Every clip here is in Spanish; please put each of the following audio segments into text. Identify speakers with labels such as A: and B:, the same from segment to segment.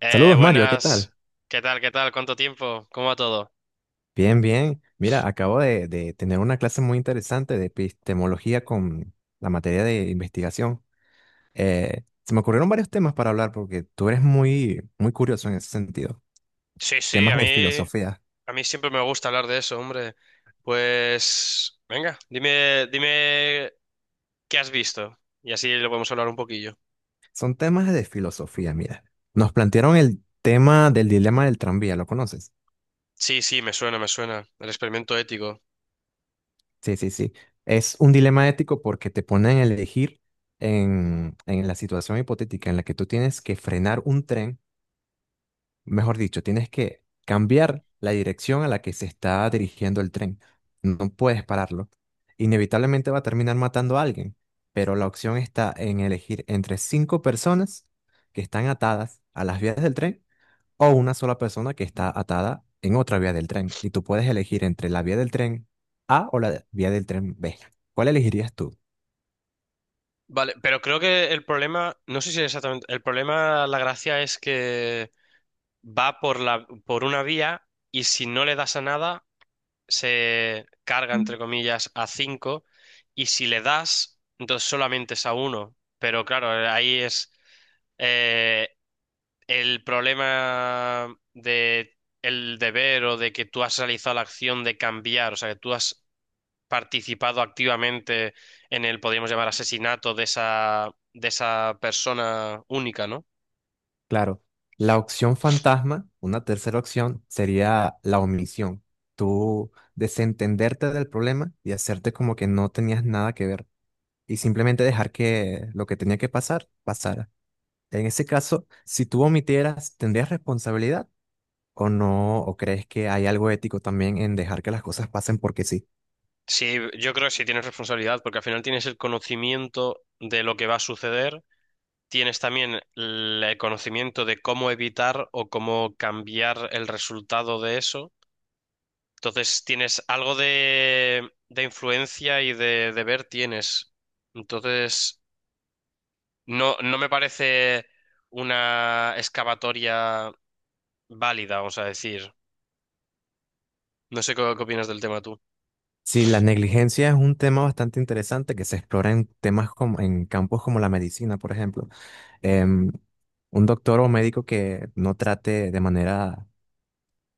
A: Saludos Mario, ¿qué
B: Buenas,
A: tal?
B: ¿qué tal? ¿Qué tal? ¿Cuánto tiempo? ¿Cómo va todo?
A: Bien, bien. Mira, acabo de tener una clase muy interesante de epistemología con la materia de investigación. Se me ocurrieron varios temas para hablar porque tú eres muy, muy curioso en ese sentido.
B: Sí, sí, a
A: Temas de
B: mí,
A: filosofía.
B: a mí siempre me gusta hablar de eso, hombre. Pues, venga, dime qué has visto y así lo podemos hablar un poquillo.
A: Son temas de filosofía, mira. Nos plantearon el tema del dilema del tranvía, ¿lo conoces?
B: Sí, sí, me suena. El experimento ético.
A: Sí, sí, sí. Es un dilema ético porque te ponen a elegir en la situación hipotética en la que tú tienes que frenar un tren. Mejor dicho, tienes que cambiar la dirección a la que se está dirigiendo el tren. No puedes pararlo. Inevitablemente va a terminar matando a alguien, pero la opción está en elegir entre cinco personas que están atadas a las vías del tren o una sola persona que está atada en otra vía del tren. Y tú puedes elegir entre la vía del tren A o la vía del tren B. ¿Cuál elegirías tú?
B: Vale, pero creo que el problema, no sé si exactamente, el problema, la gracia es que va por por una vía y si no le das a nada se carga, entre comillas, a 5 y si le das, entonces solamente es a uno. Pero claro, ahí es eh, el problema de el deber o de que tú has realizado la acción de cambiar, o sea, que tú has participado activamente en el, podríamos llamar, asesinato de esa persona única, ¿no?
A: Claro, la opción fantasma, una tercera opción, sería la omisión. Tú desentenderte del problema y hacerte como que no tenías nada que ver y simplemente dejar que lo que tenía que pasar, pasara. En ese caso, si tú omitieras, ¿tendrías responsabilidad o no? ¿O crees que hay algo ético también en dejar que las cosas pasen porque sí?
B: Sí, yo creo que sí tienes responsabilidad, porque al final tienes el conocimiento de lo que va a suceder, tienes también el conocimiento de cómo evitar o cómo cambiar el resultado de eso. Entonces tienes algo de influencia y de deber tienes. Entonces, no, no me parece una excavatoria válida, vamos a decir. No sé qué opinas del tema tú.
A: Sí, la negligencia es un tema bastante interesante que se explora en temas como en campos como la medicina, por ejemplo. em, un doctor o médico que no trate de manera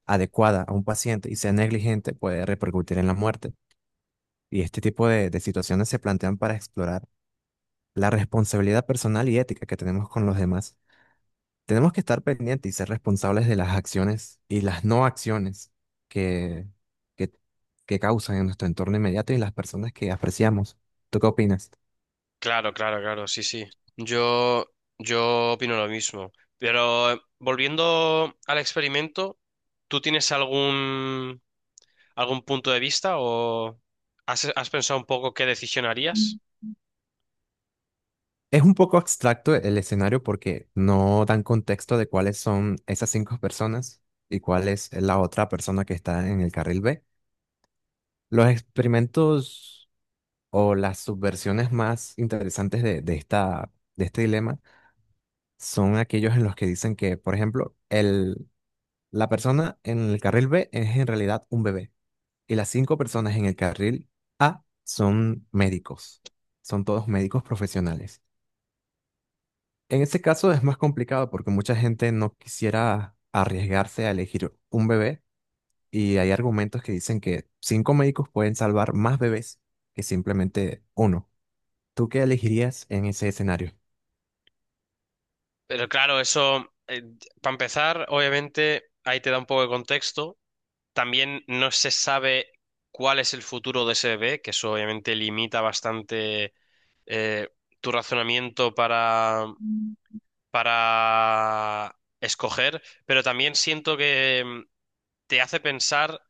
A: adecuada a un paciente y sea negligente puede repercutir en la muerte. Y este tipo de situaciones se plantean para explorar la responsabilidad personal y ética que tenemos con los demás. Tenemos que estar pendientes y ser responsables de las acciones y las no acciones que, que, que causan en nuestro entorno inmediato y en las personas que apreciamos. ¿Tú qué opinas?
B: Claro, claro, claro, sí, sí. Yo, yo opino lo mismo. Pero volviendo al experimento, ¿tú tienes algún punto de vista o has pensado un poco qué decisión harías?
A: Es un poco abstracto el escenario porque no dan contexto de cuáles son esas cinco personas y cuál es la otra persona que está en el carril B. Los experimentos o las subversiones más interesantes de esta, de este dilema son aquellos en los que dicen que, por ejemplo, la persona en el carril B es en realidad un bebé y las cinco personas en el carril A son médicos, son todos médicos profesionales. En este caso es más complicado porque mucha gente no quisiera arriesgarse a elegir un bebé y hay argumentos que dicen que cinco médicos pueden salvar más bebés que simplemente uno. ¿Tú qué elegirías en ese escenario?
B: Pero claro, eso, para empezar, obviamente, ahí te da un poco de contexto. También no se sabe cuál es el futuro de ese bebé, que eso obviamente limita bastante eh, tu razonamiento
A: Mm.
B: para escoger, pero también siento que te hace pensar,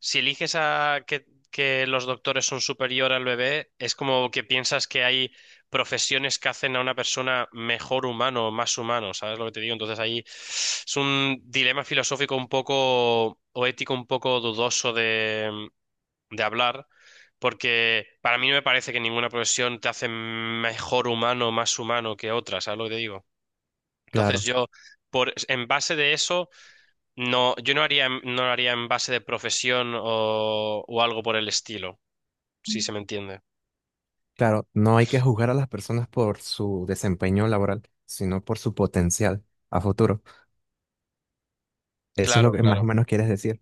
B: si eliges a que los doctores son superior al bebé, es como que piensas que hay profesiones que hacen a una persona mejor humano, más humano, ¿sabes lo que te digo? Entonces ahí es un dilema filosófico un poco, o ético un poco dudoso de, de hablar. Porque para mí no me parece que ninguna profesión te hace mejor humano, más humano que otra, ¿sabes lo que te digo? Entonces
A: Claro,
B: en base de eso, no, yo no haría, no lo haría en base de profesión o algo por el estilo, si se me entiende.
A: claro, no hay que juzgar a las personas por su desempeño laboral, sino por su potencial a futuro. Eso es lo
B: Claro,
A: que más o
B: claro.
A: menos quieres decir.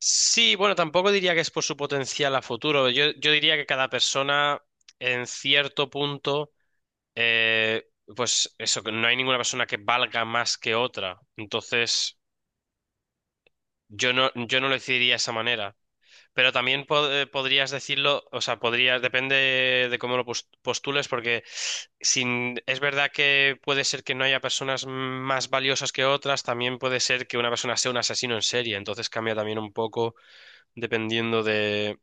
B: Sí, bueno, tampoco diría que es por su potencial a futuro. Yo diría que cada persona, en cierto punto, eh, pues eso, que no hay ninguna persona que valga más que otra. Entonces, yo no lo decidiría de esa manera. Pero también podrías decirlo, o sea, podrías, depende de cómo lo postules, porque sin, es verdad que puede ser que no haya personas más valiosas que otras, también puede ser que una persona sea un asesino en serie, entonces cambia también un poco dependiendo de...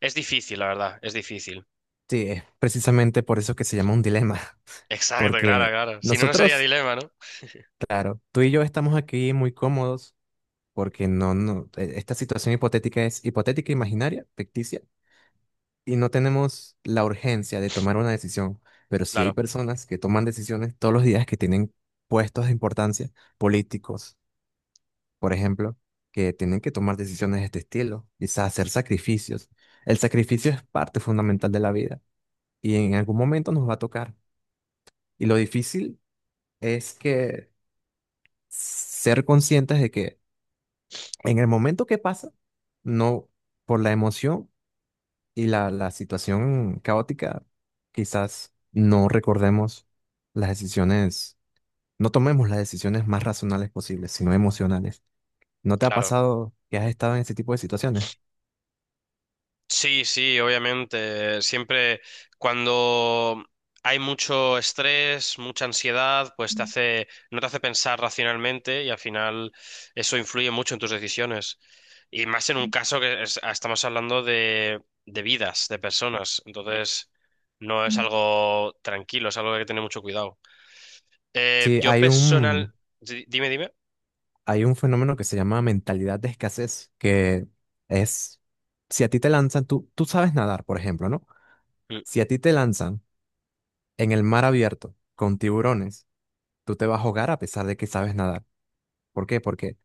B: Es difícil, la verdad, es difícil.
A: Sí, es precisamente por eso que se llama un dilema,
B: Exacto, claro,
A: porque
B: claro. Si no, no sería
A: nosotros,
B: dilema, ¿no?
A: claro, tú y yo estamos aquí muy cómodos porque no, no, esta situación hipotética es hipotética, imaginaria, ficticia, y no tenemos la urgencia de tomar una decisión, pero sí hay
B: Claro,
A: personas que toman decisiones todos los días que tienen puestos de importancia, políticos, por ejemplo, que tienen que tomar decisiones de este estilo, quizás hacer sacrificios. El sacrificio es parte fundamental de la vida y en algún momento nos va a tocar. Y lo difícil es que ser conscientes de que en el momento que pasa, no por la emoción, y la situación caótica, quizás no recordemos las decisiones, no tomemos las decisiones más racionales posibles, sino emocionales. ¿No te ha
B: claro.
A: pasado que has estado en ese tipo de situaciones?
B: Sí, sí, obviamente. Siempre cuando hay mucho estrés, mucha ansiedad, pues te hace, no te hace pensar racionalmente y al final eso influye mucho en tus decisiones. Y más en un caso que estamos hablando de vidas, de personas. Entonces, no es algo tranquilo, es algo que hay que tener mucho cuidado.
A: Sí,
B: Yo
A: hay un,
B: personal... Dime, dime.
A: hay un fenómeno que se llama mentalidad de escasez, que es, si a ti te lanzan, tú sabes nadar, por ejemplo, ¿no?
B: Mm.
A: Si a ti te lanzan en el mar abierto con tiburones, tú te vas a ahogar a pesar de que sabes nadar. ¿Por qué? Porque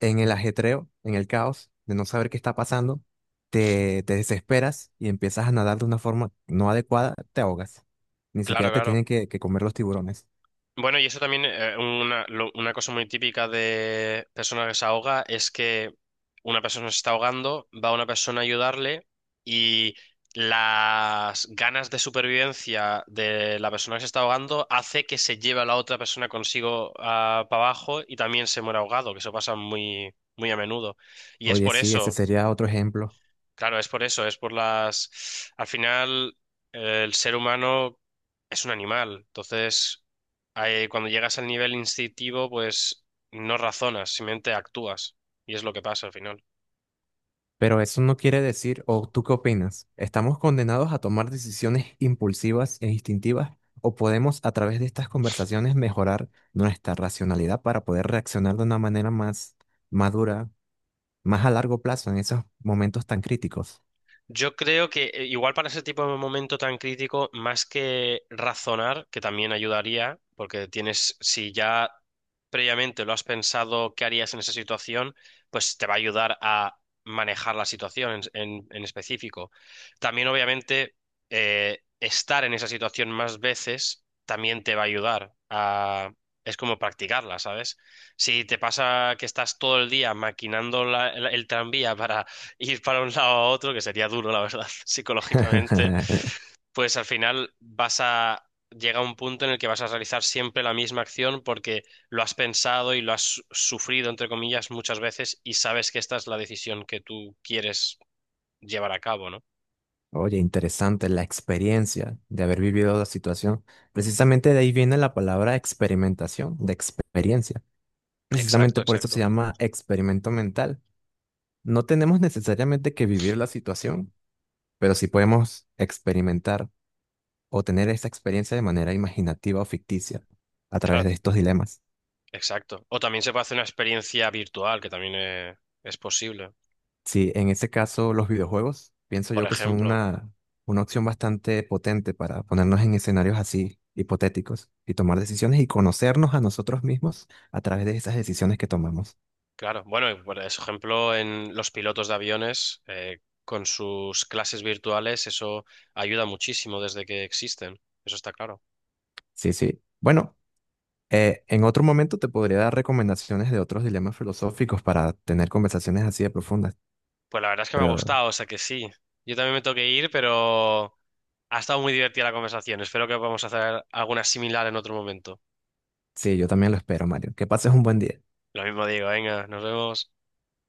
A: en el ajetreo, en el caos, de no saber qué está pasando, te desesperas y empiezas a nadar de una forma no adecuada, te ahogas. Ni
B: Claro,
A: siquiera te
B: claro.
A: tienen que comer los tiburones.
B: Bueno, y eso también, una cosa muy típica de persona que se ahoga es que una persona se está ahogando, va una persona a ayudarle y las ganas de supervivencia de la persona que se está ahogando hace que se lleve a la otra persona consigo para abajo y también se muera ahogado, que eso pasa muy, muy a menudo. Y es
A: Oye,
B: por
A: sí, ese
B: eso.
A: sería otro ejemplo.
B: Claro, es por eso, es por las... Al final, el ser humano es un animal, entonces ahí, cuando llegas al nivel instintivo, pues no razonas, simplemente actúas, y es lo que pasa al final.
A: Pero eso no quiere decir, o ¿tú qué opinas? ¿Estamos condenados a tomar decisiones impulsivas e instintivas? ¿O podemos a través de estas conversaciones mejorar nuestra racionalidad para poder reaccionar de una manera más madura, más a largo plazo en esos momentos tan críticos?
B: Yo creo que igual para ese tipo de momento tan crítico, más que razonar, que también ayudaría, porque tienes, si ya previamente lo has pensado, qué harías en esa situación, pues te va a ayudar a manejar la situación en específico. También, obviamente, estar en esa situación más veces también te va a ayudar a... Es como practicarla, ¿sabes? Si te pasa que estás todo el día maquinando el tranvía para ir para un lado a otro, que sería duro, la verdad, psicológicamente, pues al final vas a llega a un punto en el que vas a realizar siempre la misma acción porque lo has pensado y lo has sufrido, entre comillas, muchas veces y sabes que esta es la decisión que tú quieres llevar a cabo, ¿no?
A: Oye, interesante la experiencia de haber vivido la situación. Precisamente de ahí viene la palabra experimentación, de experiencia.
B: Exacto,
A: Precisamente por eso se
B: exacto.
A: llama experimento mental. No tenemos necesariamente que vivir la situación, pero sí podemos experimentar o tener esa experiencia de manera imaginativa o ficticia a través
B: Claro,
A: de estos dilemas.
B: exacto. O también se puede hacer una experiencia virtual, que también es posible.
A: Sí, en ese caso los videojuegos pienso
B: Por
A: yo que son
B: ejemplo.
A: una opción bastante potente para ponernos en escenarios así hipotéticos y tomar decisiones y conocernos a nosotros mismos a través de esas decisiones que tomamos.
B: Claro, bueno, y por ejemplo, en los pilotos de aviones, con sus clases virtuales, eso ayuda muchísimo desde que existen, eso está claro.
A: Sí, sí. Bueno, en otro momento te podría dar recomendaciones de otros dilemas filosóficos para tener conversaciones así de profundas,
B: Pues la verdad es que me ha
A: pero
B: gustado, o sea que sí. Yo también me tengo que ir, pero ha estado muy divertida la conversación. Espero que podamos hacer alguna similar en otro momento.
A: sí, yo también lo espero, Mario. Que pases un buen día.
B: Lo mismo digo, venga, nos vemos.